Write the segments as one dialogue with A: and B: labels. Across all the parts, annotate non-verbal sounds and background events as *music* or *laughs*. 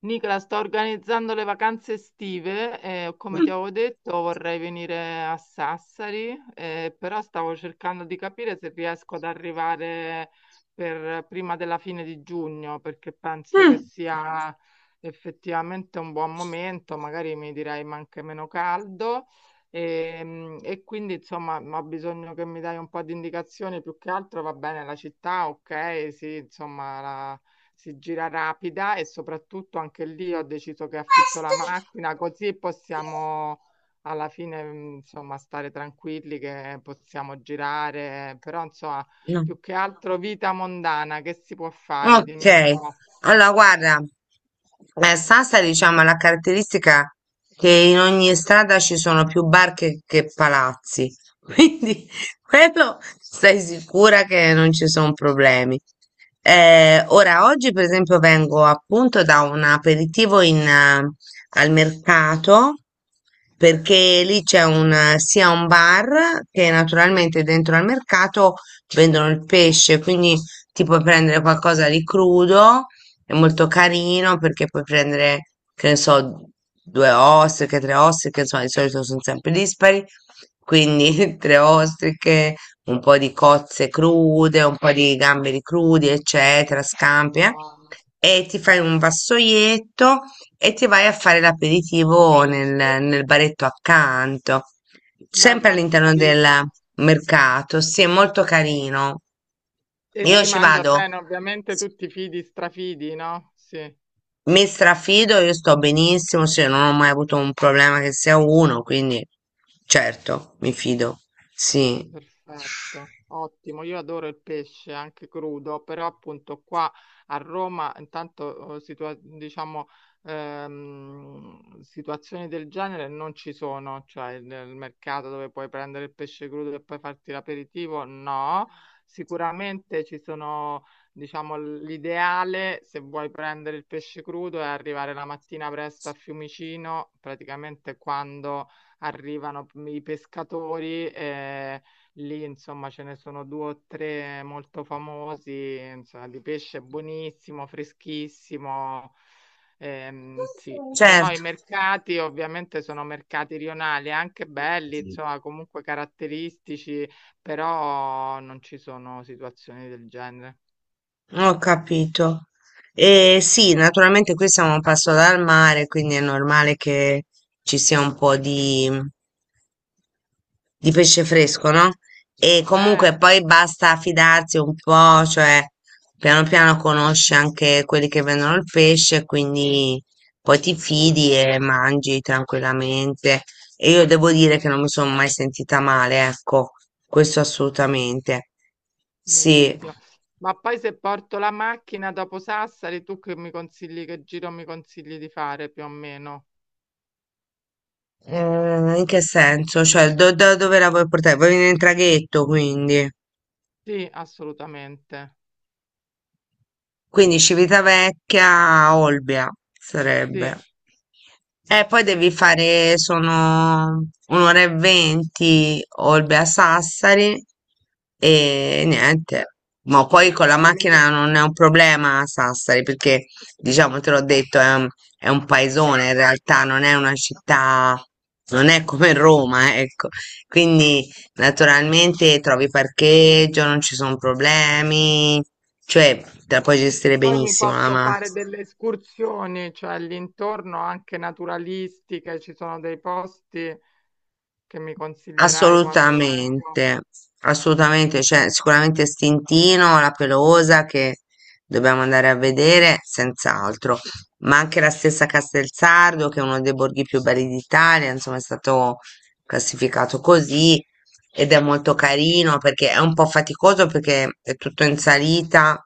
A: Nicola, sto organizzando le vacanze estive e come
B: Mm.
A: ti avevo detto vorrei venire a Sassari, però stavo cercando di capire se riesco ad arrivare per prima della fine di giugno, perché penso che
B: Mm.
A: sia effettivamente un buon momento, magari mi direi ma anche meno caldo e quindi insomma ho bisogno che mi dai un po' di indicazioni. Più che altro va bene la città, ok, sì, insomma la si gira rapida e soprattutto anche lì ho deciso che affitto la macchina, così possiamo alla fine, insomma, stare tranquilli che possiamo girare, però insomma
B: No.
A: più che altro vita mondana che si può fare?
B: Ok,
A: Dimmi un po'.
B: allora guarda, Sassa diciamo ha la caratteristica che in ogni strada ci sono più bar che palazzi, *laughs* quindi quello stai sicura che non ci sono problemi. Ora, oggi per esempio vengo appunto da un aperitivo al mercato perché lì c'è sia un bar che naturalmente dentro al mercato vendono il pesce, quindi ti puoi prendere qualcosa di crudo, è molto carino perché puoi prendere, che ne so, due ostriche, tre ostriche, insomma, di solito sono sempre dispari, quindi *laughs* tre ostriche, un po' di cozze crude, un po' di gamberi crudi, eccetera, scampi. E ti fai un vassoietto e ti vai a fare l'aperitivo nel baretto accanto,
A: Beh,
B: sempre
A: molto
B: all'interno del
A: carino.
B: mercato. Sì, è molto carino.
A: E
B: Io
A: si
B: ci
A: mangia
B: vado,
A: bene, ovviamente
B: s-
A: tutti fidi, strafidi, no? Sì.
B: mi strafido, io sto benissimo, sì, non ho mai avuto un problema che sia uno, quindi certo, mi fido. Sì.
A: Perfetto, ottimo. Io adoro il pesce anche crudo, però appunto qua a Roma, intanto diciamo, situazioni del genere non ci sono, cioè nel mercato dove puoi prendere il pesce crudo e poi farti l'aperitivo, no. Sicuramente ci sono, diciamo, l'ideale se vuoi prendere il pesce crudo è arrivare la mattina presto a Fiumicino, praticamente quando arrivano i pescatori. Lì, insomma, ce ne sono due o tre molto famosi, insomma, di pesce buonissimo, freschissimo. Sì. Se no, i
B: certo.
A: mercati ovviamente sono mercati rionali, anche belli, insomma, comunque caratteristici, però non ci sono situazioni del genere.
B: Ho capito. E sì, naturalmente qui siamo a un passo dal mare, quindi è normale che ci sia un po' di pesce fresco, no? E
A: Eh,
B: comunque poi basta fidarsi un po', cioè piano piano conosci anche quelli che vendono il pesce, quindi poi ti fidi e mangi tranquillamente. E io devo dire che non mi sono mai sentita male, ecco, questo assolutamente. Sì.
A: benissimo. Ma poi, se porto la macchina dopo Sassari, tu che mi consigli, che giro mi consigli di fare più o meno?
B: In che senso? Cioè, da dove la vuoi portare? Vuoi venire in traghetto, quindi.
A: Sì, assolutamente.
B: Quindi Civitavecchia, Olbia sarebbe.
A: Sì,
B: E poi devi
A: sì.
B: fare, sono 1 ora e 20 Olbia Sassari e niente. Ma poi con la
A: Ma mi-
B: macchina non è un problema a Sassari perché, diciamo, te l'ho detto, è un paesone in realtà, non è una città, non è come Roma, ecco. Quindi naturalmente trovi parcheggio, non ci sono problemi, cioè te la puoi gestire
A: Poi mi
B: benissimo la
A: posso
B: macchina.
A: fare delle escursioni, cioè all'intorno anche naturalistiche, ci sono dei posti che mi consiglierai quando vengo.
B: Assolutamente, assolutamente, cioè sicuramente Stintino, la Pelosa che dobbiamo andare a vedere, senz'altro, ma anche la stessa Castelsardo che è uno dei borghi più belli d'Italia, insomma è stato classificato così ed è molto carino perché è un po' faticoso perché è tutto in salita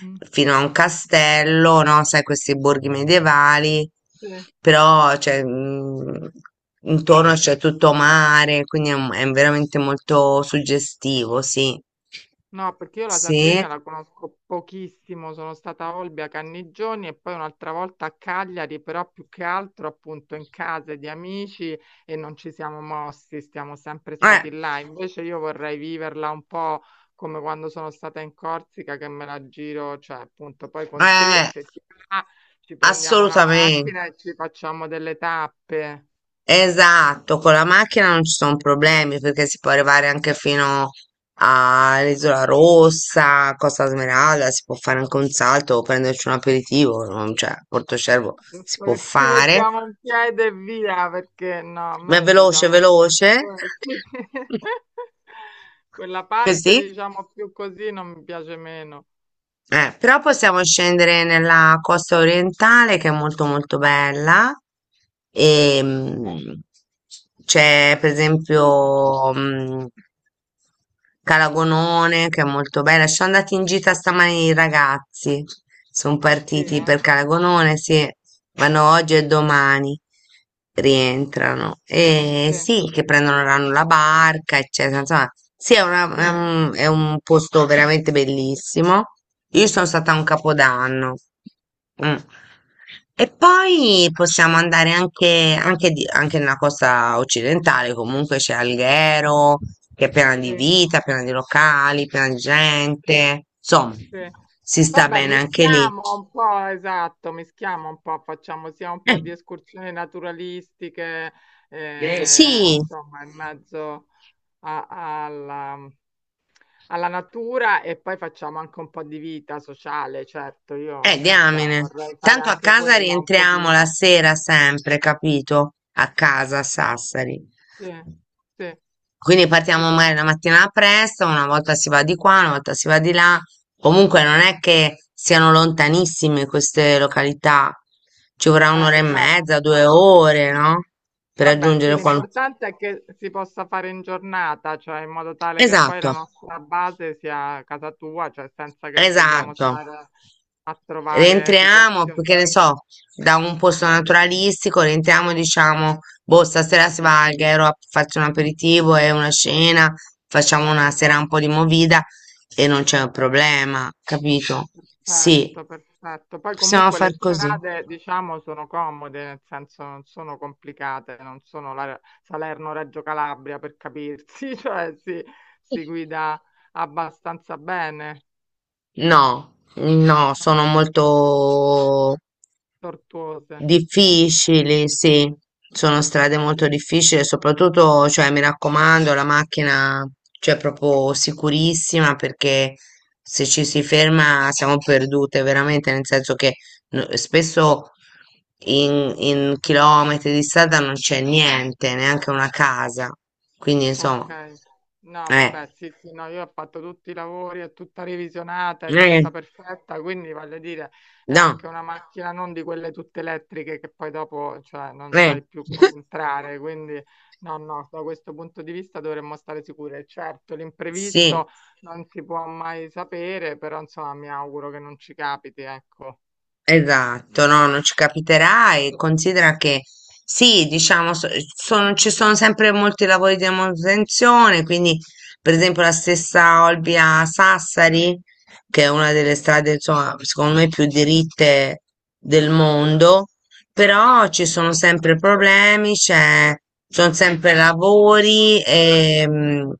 A: Mm,
B: fino a un castello, no? Sai, questi borghi medievali,
A: sì.
B: però cioè, intorno c'è tutto mare, quindi è veramente molto suggestivo, sì.
A: No, perché io la
B: Sì,
A: Sardegna la conosco pochissimo, sono stata a Olbia, Cannigioni e poi un'altra volta a Cagliari, però più che altro appunto in case di amici e non ci siamo mossi, siamo sempre stati là. Invece io vorrei viverla un po' come quando sono stata in Corsica, che me la giro, cioè appunto poi con te,
B: eh,
A: se ti va, ci prendiamo la
B: assolutamente.
A: macchina e ci facciamo delle tappe.
B: Esatto, con la macchina non ci sono problemi perché si può arrivare anche fino all'Isola Rossa, Costa Smeralda, si può fare anche un salto o prenderci un aperitivo, cioè Porto Cervo si
A: Giusto
B: può
A: che *laughs* ci
B: fare,
A: mettiamo un piede e via, perché no, a
B: ma è
A: me
B: veloce,
A: diciamo *laughs*
B: veloce.
A: sì.
B: *laughs*
A: Quella parte,
B: Così.
A: diciamo, più così non mi piace meno.
B: Però possiamo scendere nella costa orientale che è molto molto bella e c'è per esempio Calagonone che è molto bella. Ci sono andati in gita stamani i ragazzi, sono
A: Ah sì,
B: partiti per
A: eh?
B: Calagonone, sì, vanno oggi e domani rientrano. E
A: Sì.
B: sì, che prendono la barca, eccetera. Insomma, sì, è, una- è
A: Quindi
B: un, è un posto veramente bellissimo. Io sono stata a un capodanno. Mm. E poi possiamo andare anche nella costa occidentale, comunque c'è Alghero, che è piena di
A: sì,
B: vita, piena di locali, piena di gente. Insomma,
A: sì.
B: si sta
A: Vabbè,
B: bene anche lì.
A: mischiamo un po', esatto, mischiamo un po', facciamo sia un po' di escursioni naturalistiche,
B: Sì.
A: insomma, in mezzo a- alla alla natura e poi facciamo anche un po' di vita sociale, certo, io che ne so,
B: Diamine.
A: vorrei fare
B: Tanto a
A: anche
B: casa
A: quella un
B: rientriamo la
A: pochino.
B: sera sempre, capito? A casa a Sassari.
A: Sì, sì,
B: Quindi
A: ci
B: partiamo
A: si
B: magari
A: può.
B: la mattina presto, una volta si va di qua, una volta si va di là. Comunque non è che siano lontanissime queste località. Ci vorrà un'ora e
A: Esatto.
B: mezza, 2 ore, no? Per
A: Vabbè, sì,
B: raggiungere qualunque.
A: l'importante è che si possa fare in giornata, cioè in modo tale che poi
B: Esatto,
A: la nostra base sia casa tua, cioè senza che dobbiamo
B: esatto.
A: stare a trovare
B: Rientriamo,
A: situazioni.
B: che ne so, da un posto naturalistico, rientriamo e diciamo, boh, stasera si va al Gairo a farci un aperitivo e una cena, facciamo una sera un po' di movida e non c'è un problema, capito? Sì,
A: Perfetto, perfetto. Poi
B: possiamo
A: comunque le
B: far così.
A: strade, diciamo, sono comode, nel senso non sono complicate, non sono la Salerno-Reggio Calabria per capirsi, *laughs* cioè si guida abbastanza bene,
B: No, no,
A: no,
B: sono molto
A: tortuose.
B: difficili, sì, sono strade molto difficili, soprattutto, cioè, mi raccomando, la macchina, cioè, proprio sicurissima perché se ci si ferma siamo perdute, veramente, nel senso che spesso in chilometri di strada non c'è niente, neanche una casa, quindi
A: Ok,
B: insomma,
A: no,
B: eh,
A: vabbè, sì, sì, no, io ho fatto tutti i lavori, è tutta revisionata, è
B: eh,
A: tutta perfetta, quindi voglio dire, è
B: no,
A: anche una macchina non di quelle tutte elettriche che poi dopo, cioè, non
B: eh,
A: sai più
B: *laughs*
A: come entrare, quindi no, no, da questo punto di vista dovremmo stare sicure. Certo,
B: sì.
A: l'imprevisto non si può mai sapere, però insomma mi auguro che non ci capiti, ecco.
B: Esatto, no, non ci capiterà e considera che sì, diciamo, ci sono sempre molti lavori di manutenzione, quindi per esempio la stessa Olbia Sassari, che è una delle strade, insomma, secondo me più diritte del mondo, però ci sono sempre problemi, c'è, sono sempre lavori,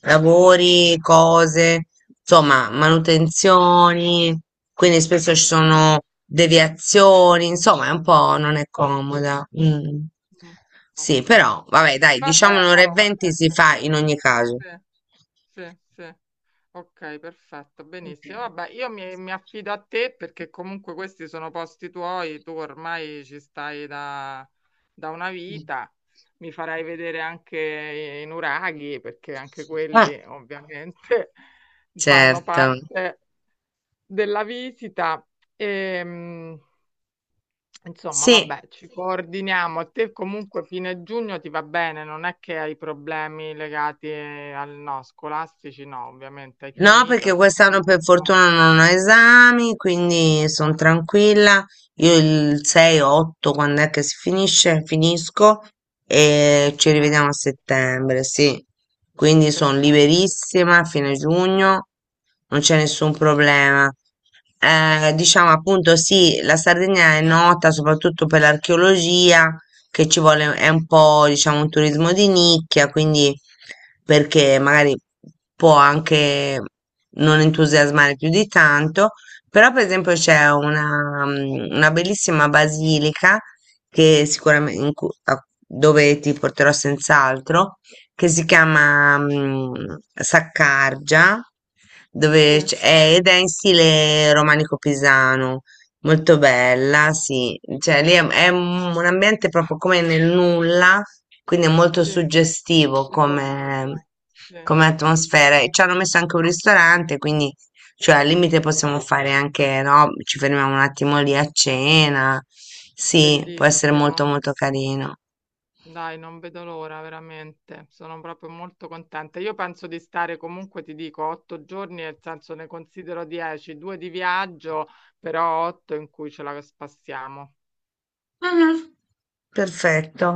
B: lavori, cose, insomma, manutenzioni, quindi spesso ci
A: Sì.
B: sono deviazioni, insomma, è un po' non è comoda. Mm.
A: Mm,
B: Sì,
A: ok,
B: però, vabbè, dai, diciamo
A: vabbè,
B: un'ora e
A: oh,
B: venti
A: vabbè,
B: si
A: c'è.
B: fa in ogni caso.
A: Sì. Sì, sì. Ok, perfetto,
B: Ok.
A: benissimo. Vabbè, io mi, mi affido a te, perché comunque questi sono posti tuoi, tu ormai ci stai da, da una vita, mi farai vedere anche i nuraghi, perché anche
B: Ah,
A: quelli ovviamente *laughs* fanno
B: certo.
A: parte della visita. Ehm, Insomma,
B: Sì.
A: vabbè, ci Sì. coordiniamo. A te comunque fine giugno ti va bene, non è che hai problemi legati al no, scolastici, no, ovviamente hai
B: No,
A: finito,
B: perché
A: hai
B: quest'anno per
A: concluso.
B: fortuna non ho esami, quindi sono
A: Eh,
B: tranquilla. Io il 6-8, quando è che si finisce? Finisco e ci
A: ok,
B: rivediamo a settembre, sì. Quindi sono
A: perfetto.
B: liberissima a fine giugno, non c'è nessun problema. Diciamo appunto sì, la Sardegna è nota soprattutto per l'archeologia, che ci vuole, è un po' diciamo un turismo di nicchia, quindi perché magari può anche non entusiasmare più di tanto, però per esempio c'è una bellissima basilica che sicuramente dove ti porterò senz'altro, che si chiama Saccargia,
A: Sì,
B: dove ed è in stile romanico pisano. Molto
A: ok,
B: bella, sì, cioè lì è un ambiente proprio come nel nulla, quindi è molto
A: sì,
B: suggestivo come,
A: isolato, sì,
B: come atmosfera e ci hanno messo anche un ristorante, quindi cioè, al limite possiamo fare anche, no, ci fermiamo un attimo lì a cena. Sì, può essere molto
A: bellissimo.
B: molto carino.
A: Dai, non vedo l'ora, veramente. Sono proprio molto contenta. Io penso di stare comunque, ti dico, 8 giorni, nel senso ne considero 10, 2 di viaggio, però 8 in cui ce la spassiamo.
B: Mhm. Perfetto.